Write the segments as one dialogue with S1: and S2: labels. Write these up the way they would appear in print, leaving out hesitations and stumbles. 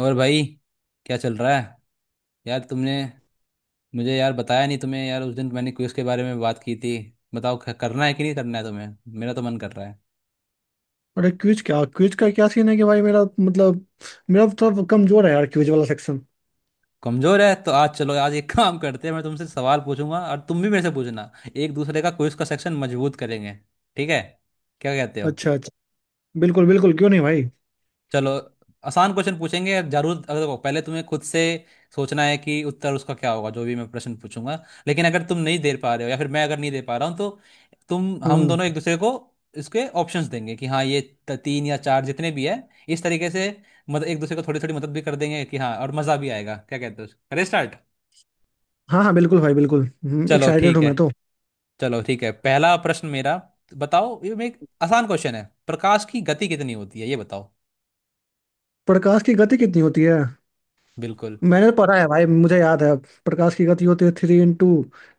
S1: और भाई, क्या चल रहा है? यार तुमने मुझे यार बताया नहीं। तुम्हें यार उस दिन मैंने क्विज के बारे में बात की थी। बताओ, करना है कि नहीं करना है तुम्हें? मेरा तो मन कर रहा है।
S2: अरे क्विज क्या, क्विज का क्या सीन है कि भाई मेरा मतलब मेरा तो थोड़ा कमजोर है यार, क्विज वाला सेक्शन।
S1: कमजोर है तो आज चलो आज एक काम करते हैं। मैं तुमसे सवाल पूछूंगा और तुम भी मेरे से पूछना। एक दूसरे का क्विज का सेक्शन मजबूत करेंगे। ठीक है? क्या कहते हो?
S2: अच्छा अच्छा। बिल्कुल बिल्कुल, क्यों नहीं भाई।
S1: चलो, आसान क्वेश्चन पूछेंगे जरूर। अगर देखो, पहले तुम्हें खुद से सोचना है कि उत्तर उसका क्या होगा जो भी मैं प्रश्न पूछूंगा। लेकिन अगर तुम नहीं दे पा रहे हो या फिर मैं अगर नहीं दे पा रहा हूँ तो तुम, हम दोनों एक
S2: हम्म।
S1: दूसरे को इसके ऑप्शंस देंगे कि हाँ ये तीन या चार जितने भी है, इस तरीके से मदद, एक दूसरे को थोड़ी थोड़ी मदद भी कर देंगे कि हाँ और मज़ा भी आएगा। क्या कहते हो, करें स्टार्ट?
S2: हाँ हाँ बिल्कुल भाई बिल्कुल।
S1: चलो
S2: एक्साइटेड
S1: ठीक
S2: हूँ
S1: है।
S2: मैं तो।
S1: चलो ठीक है, पहला प्रश्न मेरा। बताओ, ये मैं एक आसान क्वेश्चन है, प्रकाश की गति कितनी होती है ये बताओ।
S2: प्रकाश की गति कितनी होती है?
S1: बिल्कुल।
S2: मैंने तो पढ़ा है भाई, मुझे याद है। प्रकाश की गति होती है three into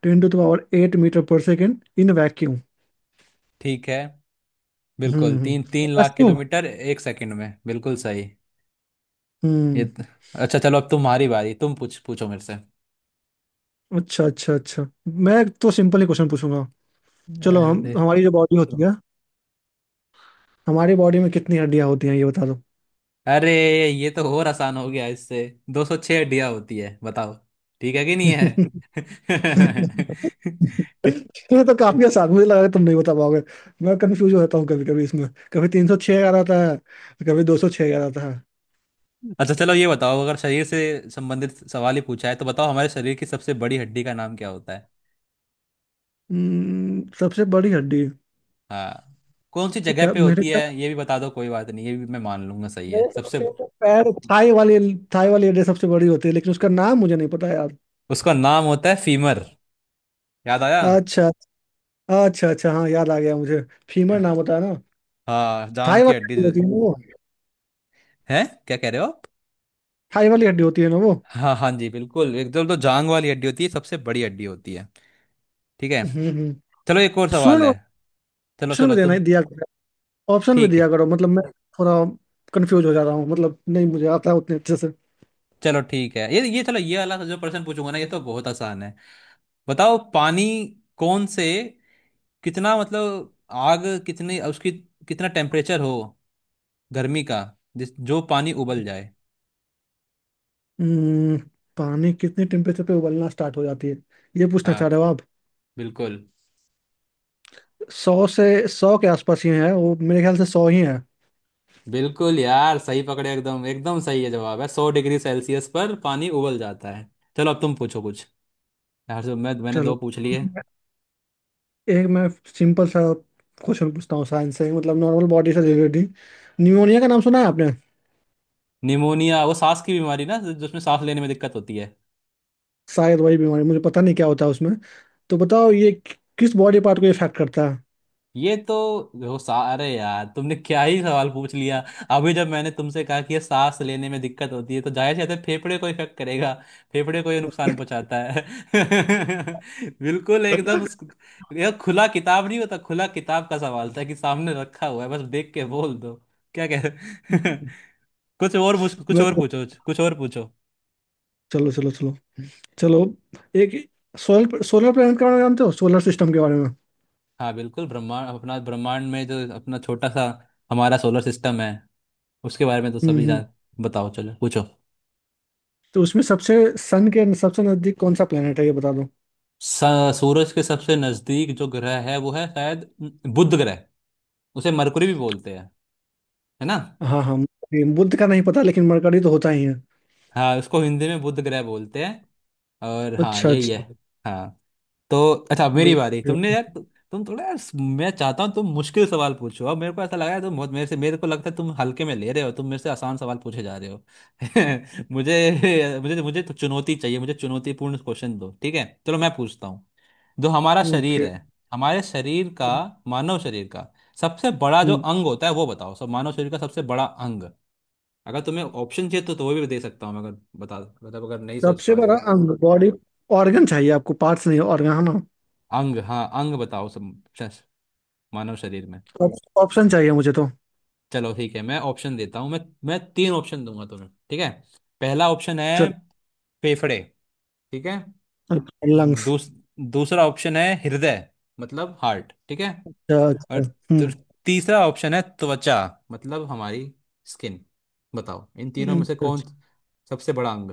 S2: two into power eight metre per second in vacuum.
S1: ठीक है, बिल्कुल,
S2: हम्म,
S1: तीन
S2: क्या
S1: तीन
S2: मैं
S1: लाख
S2: सही हूँ?
S1: किलोमीटर 1 सेकंड में, बिल्कुल सही। ये
S2: हम्म।
S1: त- अच्छा चलो, अब तुम्हारी बारी, तुम पूछ पूछो मेरे से।
S2: अच्छा अच्छा अच्छा। मैं तो सिंपल ही क्वेश्चन पूछूंगा। चलो, हम
S1: अरे,
S2: हमारी जो बॉडी होती है, हमारी बॉडी में कितनी हड्डियां होती हैं ये बता
S1: अरे, ये तो और आसान हो गया इससे। 206 डिया होती है, बताओ ठीक है कि नहीं है।
S2: दो। ये
S1: ठीक-
S2: तो काफी आसान, मुझे लगा कि तुम नहीं बता पाओगे। मैं कंफ्यूज हो जाता हूँ कभी कभी इसमें। कभी 306 आ जाता है, कभी 206 आ जाता है।
S1: अच्छा चलो ये बताओ, अगर शरीर से संबंधित सवाल ही पूछा है तो बताओ, हमारे शरीर की सबसे बड़ी हड्डी का नाम क्या होता है?
S2: सबसे बड़ी हड्डी।
S1: हाँ, कौन सी जगह
S2: क्या
S1: पे
S2: मेरे
S1: होती है
S2: ख्याल-
S1: ये भी बता दो, कोई बात नहीं, ये भी मैं मान लूंगा सही है
S2: मेरे ख्याल
S1: सबसे।
S2: से तो पैर थाई वाली, थाई वाली हड्डी सबसे बड़ी होती है, लेकिन उसका नाम मुझे नहीं पता यार।
S1: उसका नाम होता है फीमर। याद आया।
S2: अच्छा अच्छा अच्छा, हाँ याद आ गया मुझे। फीमर नाम होता है ना।
S1: हाँ, जांग
S2: थाई
S1: की
S2: वाली
S1: हड्डी।
S2: हड्डी होती है ना वो।
S1: है, क्या कह रहे हो आप?
S2: थाई वाली हड्डी होती है ना वो।
S1: हाँ हाँ जी बिल्कुल, एकदम तो जांग वाली हड्डी होती है सबसे बड़ी हड्डी होती है। ठीक है।
S2: हम्म हम्म।
S1: चलो एक और
S2: सुन,
S1: सवाल है। चलो
S2: ऑप्शन में
S1: चलो
S2: देना ही
S1: तुम।
S2: दिया, ऑप्शन भी
S1: ठीक
S2: दिया
S1: है,
S2: करो, मतलब मैं थोड़ा कंफ्यूज हो जा रहा हूँ, मतलब नहीं मुझे आता है उतने अच्छे से।
S1: चलो ठीक है, ये चलो, ये वाला जो प्रश्न पूछूंगा ना, ये तो बहुत आसान है। बताओ, पानी, कौन से, कितना, मतलब आग कितनी उसकी, कितना टेम्परेचर हो गर्मी का जिस, जो पानी उबल जाए।
S2: हम्म, पानी कितने टेम्परेचर पे उबलना स्टार्ट हो जाती है, ये पूछना
S1: हाँ
S2: चाह रहे हो आप?
S1: बिल्कुल।
S2: सौ से, 100 के आसपास ही है वो मेरे ख्याल से, 100 ही है।
S1: बिल्कुल यार, सही पकड़े, एकदम एकदम सही है जवाब, है 100 डिग्री सेल्सियस पर पानी उबल जाता है। चलो अब तुम पूछो कुछ, यार जो मैंने
S2: चलो,
S1: दो पूछ लिए।
S2: एक मैं सिंपल सा क्वेश्चन पूछता हूँ साइंस से, मतलब नॉर्मल बॉडी से रिलेटेड। न्यूमोनिया का नाम सुना है आपने?
S1: निमोनिया, वो सांस की बीमारी ना जिसमें सांस लेने में दिक्कत होती है।
S2: शायद वही बीमारी, मुझे पता नहीं क्या होता है उसमें। तो बताओ ये किस बॉडी पार्ट को इफेक्ट करता है।
S1: ये तो, वो सा, अरे यार तुमने क्या ही सवाल पूछ लिया। अभी जब मैंने तुमसे कहा कि ये सांस लेने में दिक्कत होती है तो जाहिर सी बात है फेफड़े को इफेक्ट करेगा। फेफड़े को ये नुकसान पहुंचाता है। बिल्कुल एकदम। यह खुला किताब नहीं होता, खुला किताब का सवाल था कि सामने रखा हुआ है बस देख के बोल दो। क्या कह रहे। कुछ
S2: मैं
S1: और पूछो, कुछ और पूछो।
S2: चलो चलो चलो चलो, एक सोलर सोलर प्लेनेट के बारे में जानते हो, सोलर सिस्टम के बारे में?
S1: हाँ बिल्कुल, ब्रह्मांड, अपना ब्रह्मांड में जो अपना छोटा सा हमारा सोलर सिस्टम है उसके बारे में तो
S2: हम्म
S1: सभी
S2: हम्म।
S1: जान। बताओ चलो पूछो।
S2: तो उसमें सबसे सन के सबसे नजदीक कौन सा प्लेनेट है, ये बता दो।
S1: सूरज के सबसे नजदीक जो ग्रह है वो है शायद बुध ग्रह, उसे मरकुरी भी बोलते हैं, है ना?
S2: हाँ हाँ मरकरी। बुध का नहीं पता लेकिन मरकरी तो होता ही है।
S1: हाँ, उसको हिंदी में बुध ग्रह बोलते हैं, और हाँ
S2: अच्छा
S1: यही है।
S2: अच्छा।
S1: हाँ तो अच्छा, अब मेरी बारी।
S2: बिल्कुल।
S1: तुमने यार, तुम थोड़ा यार, मैं चाहता हूँ तुम मुश्किल सवाल पूछो अब। मेरे को ऐसा लगा है तुम बहुत मेरे से, मेरे को लगता है तुम हल्के में ले रहे हो, तुम मेरे से आसान सवाल पूछे जा रहे हो। मुझे मुझे मुझे तो चुनौती चाहिए, मुझे चुनौतीपूर्ण क्वेश्चन दो, ठीक है? चलो मैं पूछता हूँ। जो हमारा शरीर
S2: ओके।
S1: है, हमारे शरीर का, मानव शरीर का सबसे बड़ा जो
S2: हम्म
S1: अंग होता है वो बताओ, सब मानव शरीर का सबसे बड़ा अंग। अगर तुम्हें ऑप्शन चाहिए तो वो भी दे सकता हूँ मैं, अगर बता, मतलब अगर नहीं सोच
S2: सबसे
S1: पा रहे
S2: बड़ा
S1: हो।
S2: अंग, बॉडी ऑर्गन चाहिए आपको, पार्ट्स नहीं ऑर्गन, है ना?
S1: अंग, हाँ अंग बताओ सब, शश- मानव शरीर में।
S2: ऑप्शन चाहिए मुझे तो।
S1: चलो ठीक है, मैं ऑप्शन देता हूँ मैं। मैं 3 ऑप्शन दूंगा तुम्हें, ठीक है? पहला ऑप्शन है
S2: चलो।
S1: फेफड़े, ठीक है?
S2: लंग्स।
S1: दूस, दूसरा ऑप्शन है हृदय, मतलब हार्ट, ठीक है?
S2: अच्छा अच्छा।
S1: और
S2: हम्म
S1: तर- तीसरा ऑप्शन है त्वचा, मतलब हमारी स्किन। बताओ इन तीनों में से
S2: अच्छा,
S1: कौन
S2: अच्छा।
S1: सबसे बड़ा अंग?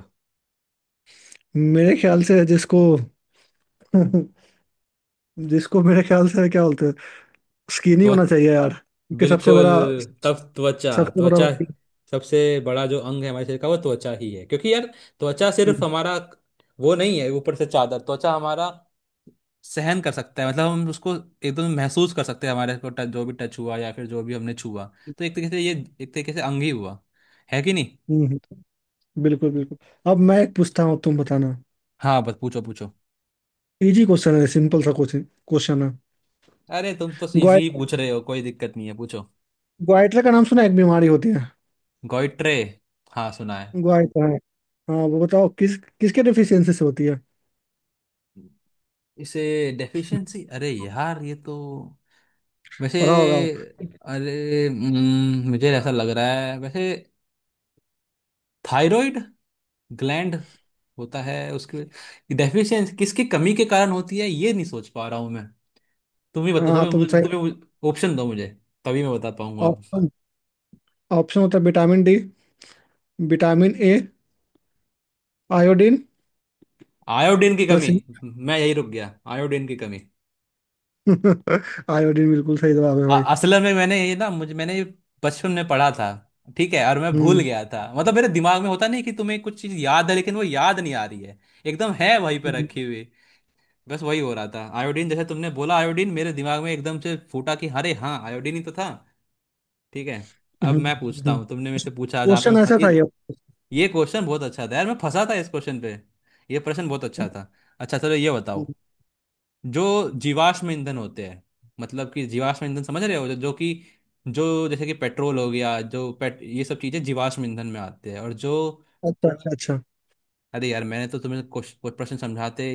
S2: मेरे ख्याल से जिसको जिसको मेरे ख्याल से क्या बोलते हैं, स्किन ही
S1: त्व
S2: होना चाहिए यार, क्योंकि सबसे
S1: बिल्कुल,
S2: बड़ा
S1: तब त्वचा।
S2: सबसे बड़ा
S1: त्वचा, सबसे बड़ा जो अंग है हमारे शरीर का वो त्वचा ही है, क्योंकि यार त्वचा सिर्फ
S2: हम्म,
S1: हमारा वो नहीं है ऊपर से चादर, त्वचा हमारा सहन कर सकता है, मतलब हम उसको एकदम महसूस कर सकते हैं, हमारे को टच, जो भी टच हुआ या फिर जो भी हमने छुआ, तो एक तरीके से ये, एक तरीके से अंग ही हुआ, है कि नहीं?
S2: हम्म, बिल्कुल बिल्कुल। अब मैं एक पूछता हूँ, तुम बताना।
S1: हाँ बस पूछो पूछो।
S2: इजी क्वेश्चन है, सिंपल सा क्वेश्चन क्वेश्चन है।
S1: अरे तुम तो इजी ही
S2: ग्वाइट
S1: पूछ रहे हो, कोई दिक्कत नहीं है पूछो।
S2: ग्वाइटर का नाम सुना है, एक बीमारी होती है।
S1: गॉइट्रे, हाँ सुना है।
S2: ग्वाइटर है, हाँ वो बताओ किसके डिफिशियंसी से होती है।
S1: इसे डेफिशिएंसी, अरे यार ये तो वैसे,
S2: पढ़ा होगा।
S1: अरे मुझे ऐसा लग रहा है वैसे थायराइड ग्लैंड होता है, उसकी डेफिशिएंसी किसकी कमी के कारण होती है ये नहीं सोच पा रहा हूँ मैं। तुम ही
S2: हाँ
S1: बता,
S2: हाँ तुम
S1: तुम्हें
S2: सही।
S1: तुम्हें ऑप्शन दो मुझे तभी मैं बता पाऊंगा अब।
S2: ऑप्शन ऑप्शन होता है vitamin D, vitamin A, iodine.
S1: Iodine की
S2: बस।
S1: कमी। मैं यही रुक गया, आयोडीन की कमी।
S2: आयोडीन बिल्कुल सही जवाब है भाई।
S1: असल में मैंने ये, ना मुझे, मैंने ये बचपन में पढ़ा था ठीक है, और मैं भूल
S2: हम्म
S1: गया था, मतलब मेरे दिमाग में होता नहीं कि तुम्हें कुछ चीज याद है लेकिन वो याद नहीं आ रही है, एकदम है वहीं पे
S2: हम्म,
S1: रखी हुई। बस वही हो रहा था, आयोडीन जैसे तुमने बोला आयोडीन मेरे दिमाग में एकदम से फूटा कि अरे हाँ आयोडीन ही तो था, ठीक है। अब
S2: हम्म,
S1: मैं पूछता
S2: हम्म।
S1: हूँ। तुमने मेरे से पूछा जहाँ पे
S2: क्वेश्चन
S1: मैं
S2: ऐसा था ये।
S1: ये क्वेश्चन बहुत अच्छा था यार, मैं फंसा था इस क्वेश्चन पे, ये प्रश्न बहुत अच्छा था। अच्छा चलो ये बताओ,
S2: हम्म,
S1: जो जीवाश्म ईंधन होते हैं, मतलब कि जीवाश्म ईंधन, समझ रहे हो, जो जो कि जो जैसे कि पेट्रोल हो गया, जो पेट, ये सब चीज़ें जीवाश्म ईंधन में आते हैं और जो,
S2: अच्छा अच्छा अच्छा,
S1: अरे यार मैंने तो तुम्हें कुछ कुछ प्रश्न समझाते,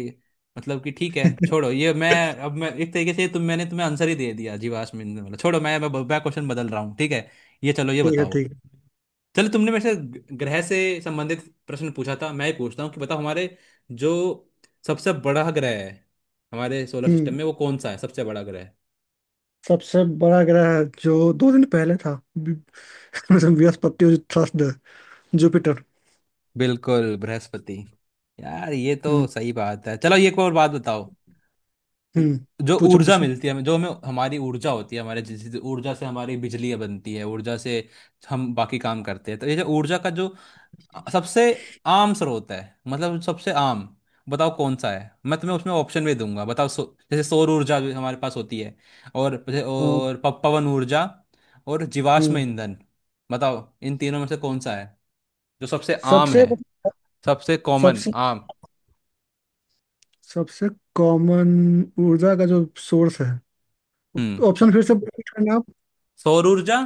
S1: मतलब कि ठीक है छोड़ो ये, मैं अब मैं एक तरीके से, तुम, मैंने तुम्हें आंसर ही दे दिया जीवाश्म ईंधन वाला, छोड़ो, मैं क्वेश्चन बदल रहा हूँ ठीक है। ये चलो ये
S2: ठीक है
S1: बताओ।
S2: ठीक है।
S1: चलो, तुमने मेरे से ग्रह से संबंधित प्रश्न पूछा था, मैं ही पूछता हूँ कि बताओ, हमारे जो सबसे बड़ा ग्रह है हमारे सोलर सिस्टम
S2: हम्म।
S1: में, वो कौन सा है सबसे बड़ा ग्रह?
S2: सबसे बड़ा ग्रह जो 2 दिन पहले था, बृहस्पति और थर्सडे, जुपिटर।
S1: बिल्कुल बृहस्पति। यार ये तो
S2: हम्म
S1: सही बात है। चलो ये एक और बात बताओ,
S2: हम्म,
S1: जो
S2: पूछो
S1: ऊर्जा
S2: पूछो।
S1: मिलती है हमें, जो हमें हमारी ऊर्जा होती है, हमारे जिस ऊर्जा से हमारी बिजली बनती है, ऊर्जा से हम बाकी काम करते हैं, तो ये जो ऊर्जा का जो सबसे आम स्रोत है, मतलब सबसे आम, बताओ कौन सा है। मैं तुम्हें उसमें ऑप्शन भी दूंगा, बताओ, जैसे सौर ऊर्जा भी हमारे पास होती है, और
S2: हाँ,
S1: और पवन ऊर्जा, और जीवाश्म
S2: हम्म।
S1: ईंधन। बताओ इन तीनों में से कौन सा है जो सबसे आम
S2: सबसे
S1: है, सबसे कॉमन
S2: सबसे
S1: आम।
S2: सबसे कॉमन ऊर्जा का जो सोर्स है। ऑप्शन फिर
S1: हम्म।
S2: से repeat करना आप।
S1: सौर ऊर्जा,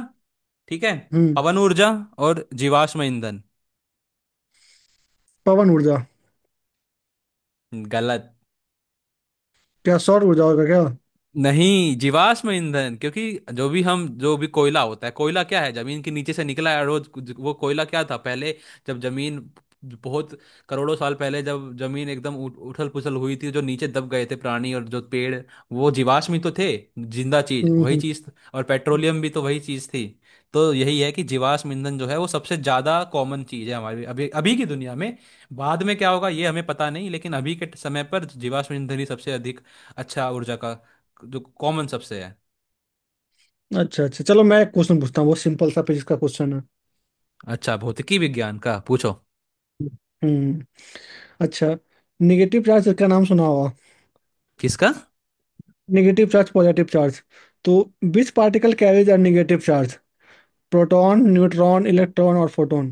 S1: ठीक है,
S2: हम्म।
S1: पवन ऊर्जा, और जीवाश्म ईंधन।
S2: पवन ऊर्जा।
S1: गलत,
S2: क्या सौर ऊर्जा होगा क्या?
S1: नहीं, जीवाश्म ईंधन, क्योंकि जो भी हम, जो भी कोयला होता है, कोयला क्या है, जमीन के नीचे से निकला है रोज, वो कोयला क्या था पहले? जब जमीन बहुत करोड़ों साल पहले, जब जमीन एकदम उठ, उथल पुथल हुई थी, जो नीचे दब गए थे प्राणी और जो पेड़, वो जीवाश्म ही तो थे, जिंदा चीज,
S2: हम्म
S1: वही
S2: हम्म,
S1: चीज, और पेट्रोलियम भी तो वही चीज थी। तो यही है कि जीवाश्म ईंधन जो है वो सबसे ज्यादा कॉमन चीज है हमारी अभी अभी की दुनिया में। बाद में क्या होगा ये हमें पता नहीं, लेकिन अभी के समय पर जीवाश्म ईंधन ही सबसे अधिक, अच्छा ऊर्जा का जो कॉमन सबसे है।
S2: अच्छा अच्छा, चलो मैं एक क्वेश्चन पूछता हूँ, वो सिंपल सा फिजिक्स का क्वेश्चन है।
S1: अच्छा, भौतिकी विज्ञान का पूछो।
S2: हम्म। अच्छा। निगेटिव चार्ज का नाम सुना होगा।
S1: किसका?
S2: नेगेटिव चार्ज, पॉजिटिव चार्ज, तो which particle carries a negative charge? Proton, neutron, electron और photon.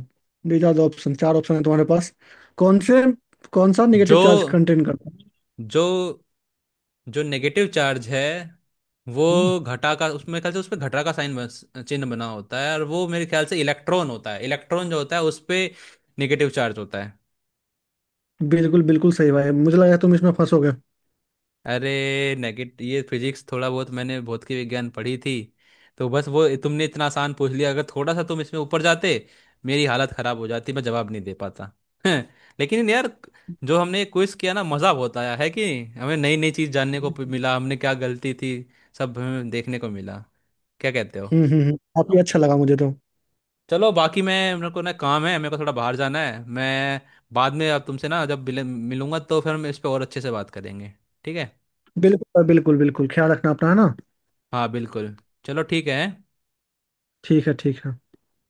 S2: These are the option, चार ऑप्शन है तुम्हारे पास। कौन से, कौन सा नेगेटिव
S1: जो,
S2: चार्ज कंटेन करता है?
S1: जो, जो नेगेटिव चार्ज है वो,
S2: हम्म,
S1: घटा का, उसमें ख्याल से उसमें घटा का साइन बन, चिन्ह बना होता है, और वो मेरे ख्याल से इलेक्ट्रॉन होता है। इलेक्ट्रॉन जो होता है उस पे नेगेटिव चार्ज होता है।
S2: बिल्कुल बिल्कुल सही भाई, मुझे लगा तुम इसमें फंसोगे।
S1: अरे, नेगेट, ये फिजिक्स थोड़ा बहुत मैंने भौतिक विज्ञान पढ़ी थी, तो बस वो तुमने इतना आसान पूछ लिया, अगर थोड़ा सा तुम इसमें ऊपर जाते मेरी हालत खराब हो जाती, मैं जवाब नहीं दे पाता। लेकिन यार, जो हमने क्विज किया ना, मजा बहुत आया है कि हमें नई नई चीज जानने को मिला, हमने क्या गलती थी सब हमें देखने को मिला। क्या कहते हो?
S2: काफी अच्छा लगा मुझे तो।
S1: चलो बाकी, मैं, मेरे को ना काम है, मेरे को थोड़ा बाहर जाना है, मैं बाद में अब तुमसे, ना जब मिलूंगा तो फिर हम इस पे और अच्छे से बात करेंगे, ठीक है?
S2: बिल्कुल बिल्कुल बिल्कुल ख्याल रखना अपना, है ना?
S1: हाँ बिल्कुल। चलो ठीक है।
S2: ठीक है ठीक है।